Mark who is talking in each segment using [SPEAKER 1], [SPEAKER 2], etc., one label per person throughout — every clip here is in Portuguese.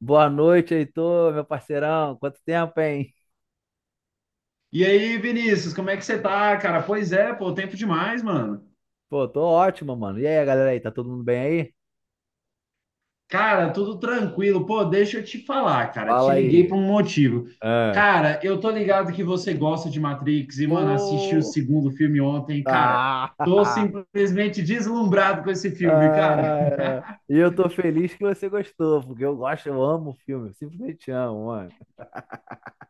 [SPEAKER 1] Boa noite, Heitor, meu parceirão. Quanto tempo, hein?
[SPEAKER 2] E aí, Vinícius, como é que você tá, cara? Pois é, pô, tempo demais, mano.
[SPEAKER 1] Pô, tô ótimo, mano. E aí, galera aí, tá todo mundo bem aí?
[SPEAKER 2] Cara, tudo tranquilo. Pô, deixa eu te falar, cara. Te
[SPEAKER 1] Fala
[SPEAKER 2] liguei
[SPEAKER 1] aí.
[SPEAKER 2] por um motivo.
[SPEAKER 1] Ah.
[SPEAKER 2] Cara, eu tô ligado que você gosta de Matrix e, mano, assisti o
[SPEAKER 1] Pô.
[SPEAKER 2] segundo filme ontem. Cara,
[SPEAKER 1] Ah.
[SPEAKER 2] tô simplesmente deslumbrado com esse filme, cara.
[SPEAKER 1] Ah. E eu tô feliz que você gostou, porque eu gosto, eu amo o filme, eu simplesmente amo, mano.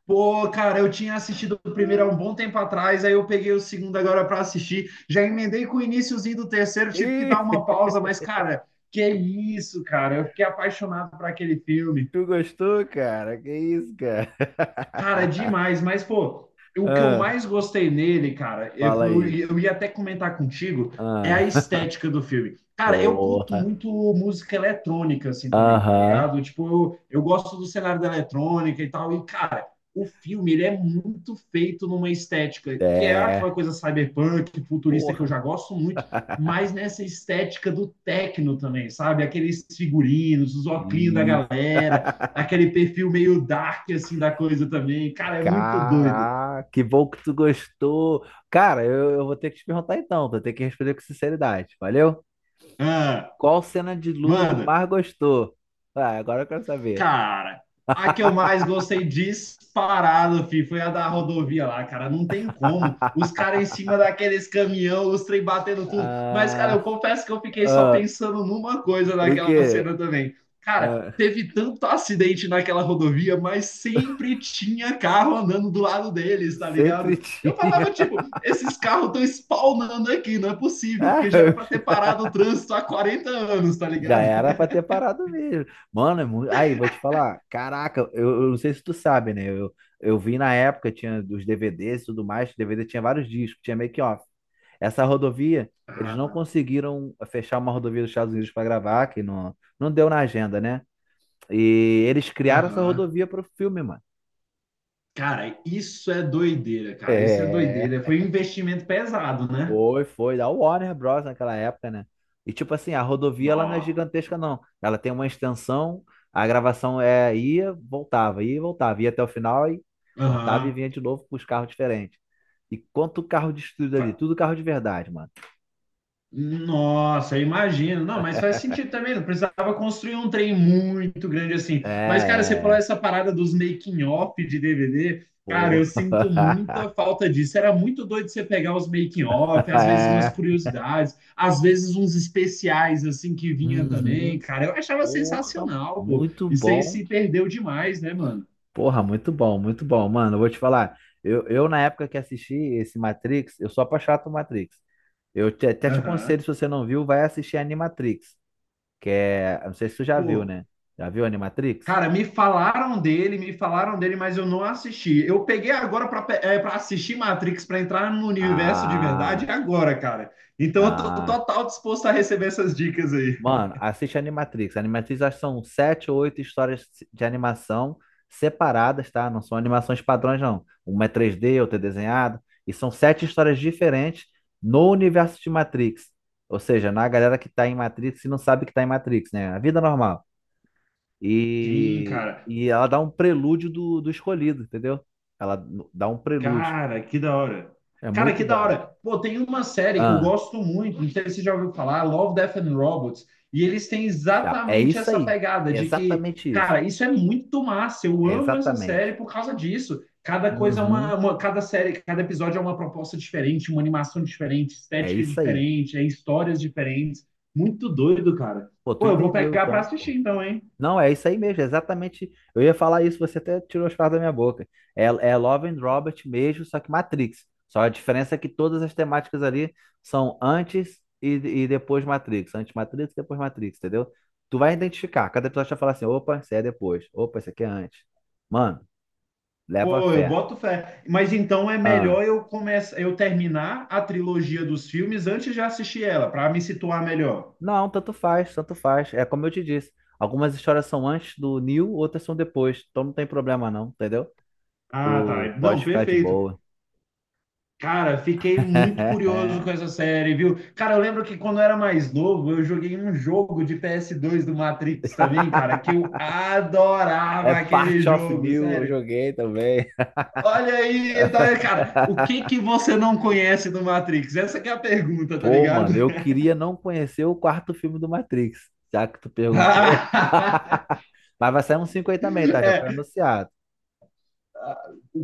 [SPEAKER 2] Pô, cara, eu tinha assistido o primeiro há
[SPEAKER 1] Ah.
[SPEAKER 2] um bom tempo atrás, aí eu peguei o segundo agora para assistir. Já emendei com o iníciozinho do terceiro, tive que dar
[SPEAKER 1] Ih,
[SPEAKER 2] uma pausa, mas, cara, que isso, cara? Eu fiquei apaixonado por aquele filme.
[SPEAKER 1] tu gostou, cara? Que isso, cara?
[SPEAKER 2] Cara, é demais, mas pô, o que eu
[SPEAKER 1] Ah.
[SPEAKER 2] mais gostei nele, cara, eu,
[SPEAKER 1] Fala
[SPEAKER 2] eu,
[SPEAKER 1] aí.
[SPEAKER 2] eu ia até comentar contigo, é a
[SPEAKER 1] Ah.
[SPEAKER 2] estética do filme. Cara, eu curto
[SPEAKER 1] Porra.
[SPEAKER 2] muito música eletrônica, assim, também, tá
[SPEAKER 1] Aham.
[SPEAKER 2] ligado? Tipo, eu gosto do cenário da eletrônica e tal, e, cara, o filme, ele é muito feito numa estética, que é aquela
[SPEAKER 1] É.
[SPEAKER 2] coisa cyberpunk, futurista, que eu
[SPEAKER 1] Porra.
[SPEAKER 2] já gosto muito, mas nessa estética do techno também, sabe? Aqueles figurinos, os óculos da
[SPEAKER 1] Isso.
[SPEAKER 2] galera, aquele perfil meio dark, assim, da coisa também. Cara, é muito doido.
[SPEAKER 1] Caraca, que bom que tu gostou. Cara, eu vou ter que te perguntar então, vou ter que responder com sinceridade, valeu?
[SPEAKER 2] Ah,
[SPEAKER 1] Qual cena de luta tu
[SPEAKER 2] manda.
[SPEAKER 1] mais gostou? Ah, agora eu quero saber.
[SPEAKER 2] Cara, a que eu mais gostei disparado, foi a da rodovia lá, cara. Não tem como. Os caras em cima daqueles caminhão, os trem batendo tudo. Mas, cara, eu
[SPEAKER 1] Ah,
[SPEAKER 2] confesso que eu fiquei só
[SPEAKER 1] ah,
[SPEAKER 2] pensando numa coisa
[SPEAKER 1] o
[SPEAKER 2] naquela
[SPEAKER 1] quê?
[SPEAKER 2] cena também. Cara,
[SPEAKER 1] Ah,
[SPEAKER 2] teve tanto acidente naquela rodovia, mas sempre tinha carro andando do lado deles, tá
[SPEAKER 1] sempre
[SPEAKER 2] ligado? Eu
[SPEAKER 1] tinha.
[SPEAKER 2] falava, tipo, esses carros estão spawnando aqui, não é possível,
[SPEAKER 1] Ah,
[SPEAKER 2] porque já era
[SPEAKER 1] eu
[SPEAKER 2] pra ter parado o trânsito há 40 anos, tá
[SPEAKER 1] já
[SPEAKER 2] ligado?
[SPEAKER 1] era pra ter parado mesmo. Mano, aí, vou te falar. Caraca, eu não sei se tu sabe, né? Eu vi na época, tinha os DVDs e tudo mais. DVD tinha vários discos, tinha make-off. Essa rodovia, eles não conseguiram fechar uma rodovia dos Estados Unidos pra gravar, que não deu na agenda, né? E eles criaram essa
[SPEAKER 2] Aham.
[SPEAKER 1] rodovia pro filme, mano.
[SPEAKER 2] Cara, isso é doideira, cara. Isso é
[SPEAKER 1] É.
[SPEAKER 2] doideira. Foi um investimento pesado, né?
[SPEAKER 1] Foi da Warner Bros. Naquela época, né? E tipo assim, a rodovia ela não é
[SPEAKER 2] Nó.
[SPEAKER 1] gigantesca, não. Ela tem uma extensão, a gravação é ia, voltava, ia e voltava, ia até o final e cortava e
[SPEAKER 2] Aham.
[SPEAKER 1] vinha de novo com os carros diferentes. E quanto carro de estúdio ali,
[SPEAKER 2] Fa-
[SPEAKER 1] tudo carro de verdade, mano.
[SPEAKER 2] Nossa, eu imagino. Não, mas faz sentido também. Não precisava construir um trem muito grande assim. Mas, cara, você falou
[SPEAKER 1] É.
[SPEAKER 2] essa parada dos making-off de DVD. Cara,
[SPEAKER 1] Pô.
[SPEAKER 2] eu sinto muita falta disso. Era muito doido você pegar os making-off, às vezes umas
[SPEAKER 1] É.
[SPEAKER 2] curiosidades, às vezes uns especiais assim que vinha
[SPEAKER 1] Uhum.
[SPEAKER 2] também. Cara, eu achava
[SPEAKER 1] Porra,
[SPEAKER 2] sensacional, pô.
[SPEAKER 1] muito
[SPEAKER 2] Isso aí
[SPEAKER 1] bom.
[SPEAKER 2] se perdeu demais, né, mano?
[SPEAKER 1] Porra, muito bom, muito bom. Mano, eu vou te falar. Na época que assisti esse Matrix, eu sou apaixonado por Matrix. Até te aconselho, se você não viu, vai assistir Animatrix, que é, eu não sei se tu já viu,
[SPEAKER 2] Pô,
[SPEAKER 1] né? Já viu Animatrix?
[SPEAKER 2] cara, me falaram dele, mas eu não assisti. Eu peguei agora para assistir Matrix, para entrar no universo de verdade
[SPEAKER 1] Ah,
[SPEAKER 2] agora, cara. Então eu tô
[SPEAKER 1] ah.
[SPEAKER 2] total disposto a receber essas dicas aí.
[SPEAKER 1] Mano, assiste Animatrix. Animatrix acho que são sete ou oito histórias de animação separadas, tá? Não são animações padrões, não. Uma é 3D, outra é desenhada. E são sete histórias diferentes no universo de Matrix. Ou seja, na galera que tá em Matrix e não sabe que tá em Matrix, né? A vida normal.
[SPEAKER 2] Sim,
[SPEAKER 1] E
[SPEAKER 2] cara.
[SPEAKER 1] ela dá um prelúdio do escolhido, entendeu? Dá um prelúdio.
[SPEAKER 2] Cara, que da hora.
[SPEAKER 1] É
[SPEAKER 2] Cara,
[SPEAKER 1] muito
[SPEAKER 2] que da
[SPEAKER 1] bom.
[SPEAKER 2] hora. Pô, tem uma série que eu
[SPEAKER 1] Ah,
[SPEAKER 2] gosto muito, não sei se você já ouviu falar, Love, Death and Robots, e eles têm
[SPEAKER 1] já. É
[SPEAKER 2] exatamente
[SPEAKER 1] isso
[SPEAKER 2] essa
[SPEAKER 1] aí.
[SPEAKER 2] pegada
[SPEAKER 1] É
[SPEAKER 2] de que,
[SPEAKER 1] exatamente isso.
[SPEAKER 2] cara, isso é muito massa, eu
[SPEAKER 1] É
[SPEAKER 2] amo essa série
[SPEAKER 1] exatamente.
[SPEAKER 2] por causa disso. Cada coisa é
[SPEAKER 1] Uhum.
[SPEAKER 2] uma, cada série, cada episódio é uma proposta diferente, uma animação diferente,
[SPEAKER 1] É
[SPEAKER 2] estética
[SPEAKER 1] isso aí.
[SPEAKER 2] diferente, é histórias diferentes. Muito doido, cara.
[SPEAKER 1] Pô, tu
[SPEAKER 2] Pô, eu vou
[SPEAKER 1] entendeu
[SPEAKER 2] pegar pra
[SPEAKER 1] então, pô.
[SPEAKER 2] assistir então, hein?
[SPEAKER 1] Não, é isso aí mesmo, é exatamente. Eu ia falar isso, você até tirou as palavras da minha boca. É, é Love and Robert mesmo, só que Matrix. Só a diferença é que todas as temáticas ali são e depois Matrix. Antes Matrix, depois Matrix, entendeu? Tu vai identificar. Cada episódio vai falar assim: opa, isso é depois. Opa, isso aqui é antes. Mano, leva
[SPEAKER 2] Pô, eu
[SPEAKER 1] fé.
[SPEAKER 2] boto fé. Mas então é
[SPEAKER 1] Ah,
[SPEAKER 2] melhor eu terminar a trilogia dos filmes antes de assistir ela, para me situar melhor.
[SPEAKER 1] não, tanto faz, tanto faz. É como eu te disse. Algumas histórias são antes do Neo, outras são depois. Então não tem problema, não, entendeu?
[SPEAKER 2] Ah,
[SPEAKER 1] Tu
[SPEAKER 2] tá. Não,
[SPEAKER 1] pode ficar de
[SPEAKER 2] perfeito.
[SPEAKER 1] boa.
[SPEAKER 2] Cara, fiquei muito curioso com essa série, viu? Cara, eu lembro que quando eu era mais novo, eu joguei um jogo de PS2 do Matrix também, cara, que eu adorava
[SPEAKER 1] É
[SPEAKER 2] aquele
[SPEAKER 1] Part of
[SPEAKER 2] jogo,
[SPEAKER 1] New, eu
[SPEAKER 2] sério.
[SPEAKER 1] joguei também.
[SPEAKER 2] Olha aí, tá, cara, o que que você não conhece do Matrix? Essa que é a pergunta, tá
[SPEAKER 1] Pô,
[SPEAKER 2] ligado?
[SPEAKER 1] mano, eu queria não conhecer o quarto filme do Matrix, já que tu perguntou. Mas vai sair um 5 aí também, tá? Já foi
[SPEAKER 2] É,
[SPEAKER 1] anunciado.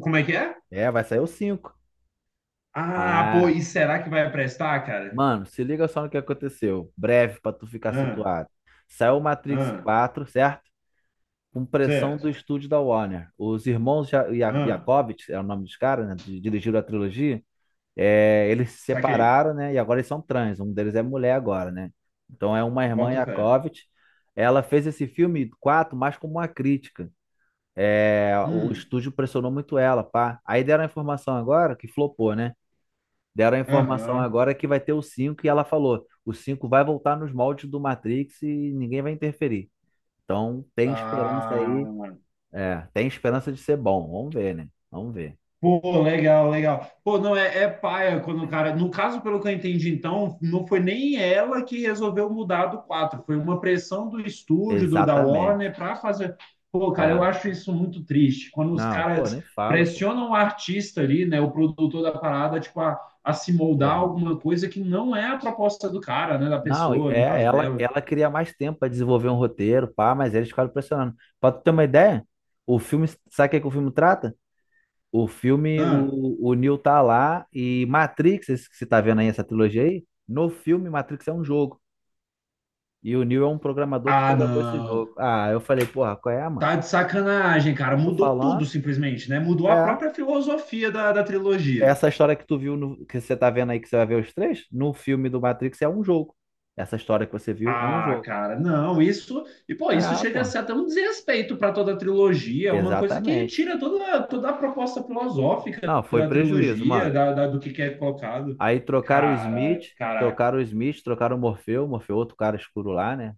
[SPEAKER 2] como é que é?
[SPEAKER 1] É, vai sair o 5.
[SPEAKER 2] Ah, pô,
[SPEAKER 1] Ah,
[SPEAKER 2] e será que vai prestar, cara?
[SPEAKER 1] mano, se liga só no que aconteceu. Breve pra tu ficar
[SPEAKER 2] Ah,
[SPEAKER 1] situado. Saiu o Matrix
[SPEAKER 2] ah,
[SPEAKER 1] 4, certo? Com pressão
[SPEAKER 2] certo.
[SPEAKER 1] do estúdio da Warner. Os irmãos
[SPEAKER 2] Ah,
[SPEAKER 1] Jacobits, é o nome dos caras, né? Dirigiram a trilogia. É, eles se
[SPEAKER 2] saquei.
[SPEAKER 1] separaram, né? E agora eles são trans. Um deles é mulher agora, né? Então é uma irmã
[SPEAKER 2] Boto fé.
[SPEAKER 1] Yakovitch. Ela fez esse filme 4 mais como uma crítica. É, o
[SPEAKER 2] Hum,
[SPEAKER 1] estúdio pressionou muito ela, pá. Aí deram a informação agora que flopou, né? Deram a informação
[SPEAKER 2] aham.
[SPEAKER 1] agora que vai ter o 5 e ela falou: o 5 vai voltar nos moldes do Matrix e ninguém vai interferir. Então tem esperança
[SPEAKER 2] Ah,
[SPEAKER 1] aí. É, tem esperança de ser bom. Vamos ver, né? Vamos ver.
[SPEAKER 2] pô, legal, legal. Pô, não, é paia quando o cara. No caso, pelo que eu entendi, então, não foi nem ela que resolveu mudar do 4 foi uma pressão do estúdio, da Warner,
[SPEAKER 1] Exatamente.
[SPEAKER 2] para fazer. Pô, cara, eu
[SPEAKER 1] É.
[SPEAKER 2] acho isso muito triste. Quando os
[SPEAKER 1] Não, pô,
[SPEAKER 2] caras
[SPEAKER 1] nem fala, pô.
[SPEAKER 2] pressionam o artista ali, né, o produtor da parada, tipo, a se moldar
[SPEAKER 1] Porra, mano.
[SPEAKER 2] alguma coisa que não é a proposta do cara, né, da
[SPEAKER 1] Não,
[SPEAKER 2] pessoa, no
[SPEAKER 1] é,
[SPEAKER 2] caso
[SPEAKER 1] ela,
[SPEAKER 2] dela.
[SPEAKER 1] ela queria mais tempo pra desenvolver um roteiro, pá, mas eles ficaram pressionando. Pra tu ter uma ideia, o filme, sabe o que, é que o filme trata?
[SPEAKER 2] Ah,
[SPEAKER 1] O Neo tá lá e Matrix, esse que você tá vendo aí, essa trilogia aí, no filme Matrix é um jogo. E o Neo é um programador que
[SPEAKER 2] ah,
[SPEAKER 1] programou esse
[SPEAKER 2] não.
[SPEAKER 1] jogo. Ah, eu falei, porra, qual é, mano?
[SPEAKER 2] Tá de sacanagem, cara.
[SPEAKER 1] Pô, tô
[SPEAKER 2] Mudou tudo
[SPEAKER 1] falando,
[SPEAKER 2] simplesmente, né? Mudou
[SPEAKER 1] é,
[SPEAKER 2] a própria filosofia da trilogia.
[SPEAKER 1] essa história que tu viu, no, que você tá vendo aí, que você vai ver os três, no filme do Matrix é um jogo. Essa história que você viu é um
[SPEAKER 2] Ah,
[SPEAKER 1] jogo.
[SPEAKER 2] cara, não, isso. E, pô, isso
[SPEAKER 1] Ah,
[SPEAKER 2] chega
[SPEAKER 1] pô,
[SPEAKER 2] a ser até um desrespeito para toda a trilogia, é uma coisa que
[SPEAKER 1] exatamente.
[SPEAKER 2] tira toda, toda a proposta filosófica
[SPEAKER 1] Não, foi
[SPEAKER 2] da
[SPEAKER 1] prejuízo,
[SPEAKER 2] trilogia,
[SPEAKER 1] mano.
[SPEAKER 2] do que é colocado.
[SPEAKER 1] Aí trocaram o
[SPEAKER 2] Cara,
[SPEAKER 1] Smith,
[SPEAKER 2] caraca.
[SPEAKER 1] trocaram o Morpheu, Morpheu, outro cara escuro lá, né?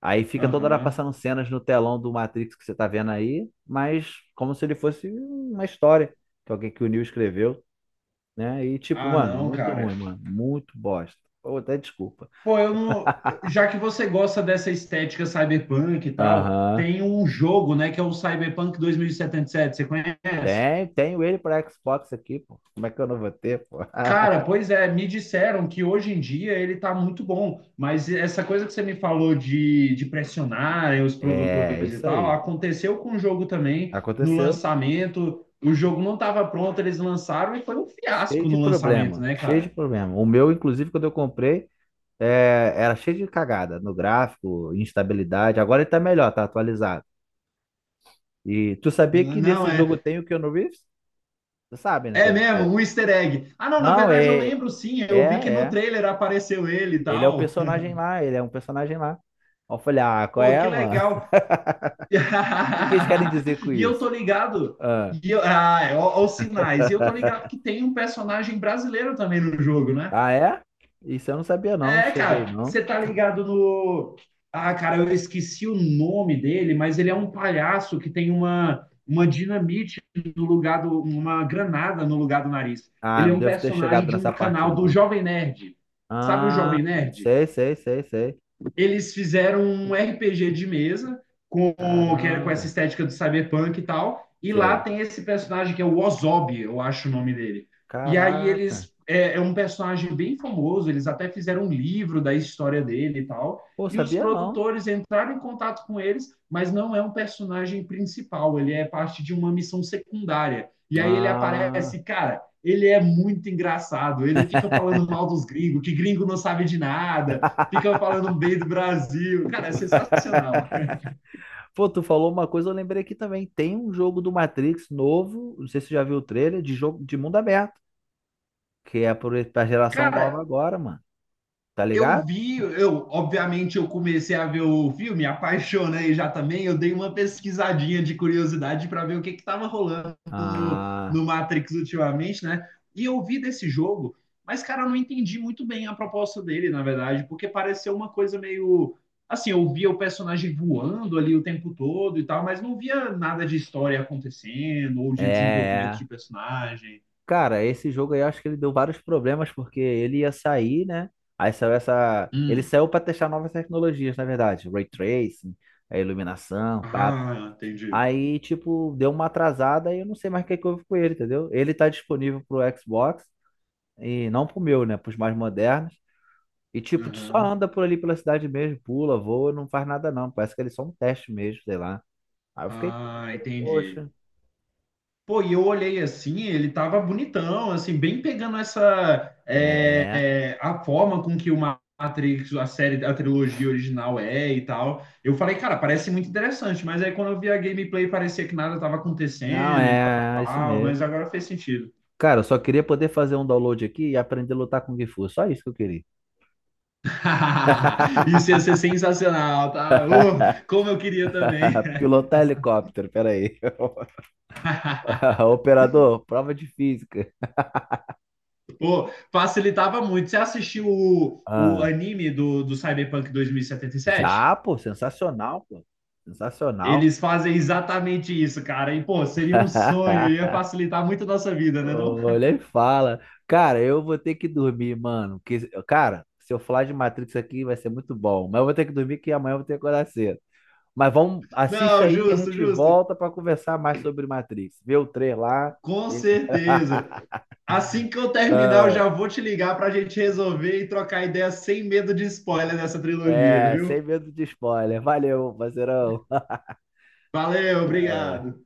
[SPEAKER 1] Aí fica toda hora
[SPEAKER 2] Aham.
[SPEAKER 1] passando cenas no telão do Matrix que você tá vendo aí, mas como se ele fosse uma história que alguém que o Neo escreveu, né? E tipo,
[SPEAKER 2] Ah,
[SPEAKER 1] mano,
[SPEAKER 2] não,
[SPEAKER 1] muito
[SPEAKER 2] cara.
[SPEAKER 1] ruim, mano, muito bosta. Pô, até desculpa.
[SPEAKER 2] Pô, eu não. Já que você gosta dessa estética cyberpunk e tal,
[SPEAKER 1] Aham.
[SPEAKER 2] tem um jogo, né, que é o Cyberpunk 2077, você conhece?
[SPEAKER 1] Tem, tenho ele para Xbox aqui, pô. Como é que eu não vou ter, pô?
[SPEAKER 2] Cara, pois é, me disseram que hoje em dia ele tá muito bom, mas essa coisa que você me falou de pressionar os
[SPEAKER 1] É,
[SPEAKER 2] produtores e
[SPEAKER 1] isso
[SPEAKER 2] tal,
[SPEAKER 1] aí.
[SPEAKER 2] aconteceu com o jogo também no
[SPEAKER 1] Aconteceu.
[SPEAKER 2] lançamento. O jogo não estava pronto, eles lançaram e foi um
[SPEAKER 1] Cheio
[SPEAKER 2] fiasco
[SPEAKER 1] de
[SPEAKER 2] no lançamento,
[SPEAKER 1] problema,
[SPEAKER 2] né,
[SPEAKER 1] cheio de
[SPEAKER 2] cara?
[SPEAKER 1] problema. O meu, inclusive, quando eu comprei é, era cheio de cagada no gráfico, instabilidade. Agora ele tá melhor, tá atualizado. E tu sabia que
[SPEAKER 2] Não
[SPEAKER 1] nesse jogo
[SPEAKER 2] é.
[SPEAKER 1] tem o Keanu Reeves? Tu sabe, né?
[SPEAKER 2] É
[SPEAKER 1] É.
[SPEAKER 2] mesmo, um easter egg. Ah, não, na
[SPEAKER 1] Não,
[SPEAKER 2] verdade eu
[SPEAKER 1] é,
[SPEAKER 2] lembro sim,
[SPEAKER 1] é,
[SPEAKER 2] eu vi que no
[SPEAKER 1] É.
[SPEAKER 2] trailer apareceu ele e
[SPEAKER 1] Ele é o
[SPEAKER 2] tal.
[SPEAKER 1] personagem lá, ele é um personagem lá. Aí eu falei, ah, qual
[SPEAKER 2] Pô,
[SPEAKER 1] é,
[SPEAKER 2] que
[SPEAKER 1] mano?
[SPEAKER 2] legal.
[SPEAKER 1] O que que eles querem dizer com
[SPEAKER 2] E eu
[SPEAKER 1] isso?
[SPEAKER 2] tô ligado.
[SPEAKER 1] Ah,
[SPEAKER 2] E eu, ah, é, ó, ó os sinais. E eu tô ligado que tem um personagem brasileiro também no jogo, né?
[SPEAKER 1] ah, é? Isso eu não sabia, não.
[SPEAKER 2] É,
[SPEAKER 1] Cheguei,
[SPEAKER 2] cara,
[SPEAKER 1] não.
[SPEAKER 2] você tá ligado no. Ah, cara, eu esqueci o nome dele, mas ele é um palhaço que tem uma, dinamite no lugar do. Uma granada no lugar do nariz.
[SPEAKER 1] Ah,
[SPEAKER 2] Ele é
[SPEAKER 1] não
[SPEAKER 2] um
[SPEAKER 1] devo ter
[SPEAKER 2] personagem
[SPEAKER 1] chegado
[SPEAKER 2] de
[SPEAKER 1] nessa
[SPEAKER 2] um
[SPEAKER 1] parte,
[SPEAKER 2] canal do
[SPEAKER 1] não.
[SPEAKER 2] Jovem Nerd. Sabe o
[SPEAKER 1] Ah,
[SPEAKER 2] Jovem Nerd?
[SPEAKER 1] sei.
[SPEAKER 2] Eles fizeram um RPG de mesa que é com essa
[SPEAKER 1] Caramba,
[SPEAKER 2] estética do cyberpunk e tal. E lá
[SPEAKER 1] sei.
[SPEAKER 2] tem esse personagem que é o Ozob, eu acho o nome dele. E aí
[SPEAKER 1] Caraca.
[SPEAKER 2] é um personagem bem famoso. Eles até fizeram um livro da história dele e tal.
[SPEAKER 1] Pô,
[SPEAKER 2] E os
[SPEAKER 1] sabia não.
[SPEAKER 2] produtores entraram em contato com eles, mas não é um personagem principal. Ele é parte de uma missão secundária. E aí ele
[SPEAKER 1] Ah.
[SPEAKER 2] aparece, cara, ele é muito engraçado. Ele fica falando mal dos gringos, que gringo não sabe de nada, fica falando bem do Brasil. Cara, é sensacional.
[SPEAKER 1] Pô, tu falou uma coisa, eu lembrei aqui também. Tem um jogo do Matrix novo, não sei se você já viu o trailer, de jogo de mundo aberto, que é pra geração
[SPEAKER 2] Cara,
[SPEAKER 1] nova agora, mano. Tá ligado?
[SPEAKER 2] eu obviamente eu comecei a ver o filme, apaixonei já também. Eu dei uma pesquisadinha de curiosidade para ver o que estava rolando no,
[SPEAKER 1] Ah,
[SPEAKER 2] no Matrix ultimamente, né? E eu vi desse jogo, mas cara, eu não entendi muito bem a proposta dele, na verdade, porque pareceu uma coisa meio assim, eu via o personagem voando ali o tempo todo e tal, mas não via nada de história acontecendo ou de desenvolvimento de
[SPEAKER 1] é.
[SPEAKER 2] personagem.
[SPEAKER 1] Cara, esse jogo aí eu acho que ele deu vários problemas, porque ele ia sair, né? Aí saiu essa. Ele
[SPEAKER 2] Hum.
[SPEAKER 1] saiu pra testar novas tecnologias, na verdade. Ray tracing, a iluminação, pá.
[SPEAKER 2] Ah, entendi.
[SPEAKER 1] Aí, tipo, deu uma atrasada e eu não sei mais o que é que houve com ele, entendeu? Ele tá disponível pro Xbox. E não pro meu, né? Pros mais modernos. E tipo, tu só
[SPEAKER 2] Aham.
[SPEAKER 1] anda por ali pela cidade mesmo, pula, voa, não faz nada não. Parece que eles são um teste mesmo, sei lá. Aí eu fiquei
[SPEAKER 2] Ah,
[SPEAKER 1] triste, falei,
[SPEAKER 2] entendi.
[SPEAKER 1] poxa.
[SPEAKER 2] Pô, e eu olhei assim, ele tava bonitão, assim, bem pegando essa
[SPEAKER 1] É.
[SPEAKER 2] a forma com que o Matrix, a série, a trilogia original é e tal. Eu falei, cara, parece muito interessante, mas aí quando eu vi a gameplay parecia que nada tava
[SPEAKER 1] Não,
[SPEAKER 2] acontecendo e
[SPEAKER 1] é isso
[SPEAKER 2] tal,
[SPEAKER 1] mesmo.
[SPEAKER 2] mas agora fez sentido.
[SPEAKER 1] Cara, eu só queria poder fazer um download aqui e aprender a lutar com Gifu. Só isso que eu queria.
[SPEAKER 2] Isso ia ser sensacional, tá? Oh, como eu queria também.
[SPEAKER 1] Pilotar helicóptero, peraí. Operador, prova de física.
[SPEAKER 2] Pô, facilitava muito. Você assistiu o
[SPEAKER 1] Ah,
[SPEAKER 2] anime do Cyberpunk 2077?
[SPEAKER 1] já, pô, sensacional, pô. Sensacional.
[SPEAKER 2] Eles fazem exatamente isso, cara. E, pô, seria um sonho, ia facilitar muito a nossa vida, né, não?
[SPEAKER 1] Olha e fala. Cara, eu vou ter que dormir, mano. Que, cara, se eu falar de Matrix aqui vai ser muito bom. Mas eu vou ter que dormir que amanhã eu vou ter que acordar cedo. Mas vamos, assiste
[SPEAKER 2] Não,
[SPEAKER 1] aí e a
[SPEAKER 2] justo,
[SPEAKER 1] gente
[SPEAKER 2] justo.
[SPEAKER 1] volta pra conversar mais sobre Matrix. Vê o trailer lá.
[SPEAKER 2] Com
[SPEAKER 1] E-
[SPEAKER 2] certeza. Assim que eu terminar, eu
[SPEAKER 1] Ah,
[SPEAKER 2] já vou te ligar pra gente resolver e trocar ideias sem medo de spoiler dessa trilogia,
[SPEAKER 1] é, sem
[SPEAKER 2] viu?
[SPEAKER 1] medo de spoiler. Valeu, parceirão.
[SPEAKER 2] Valeu, obrigado.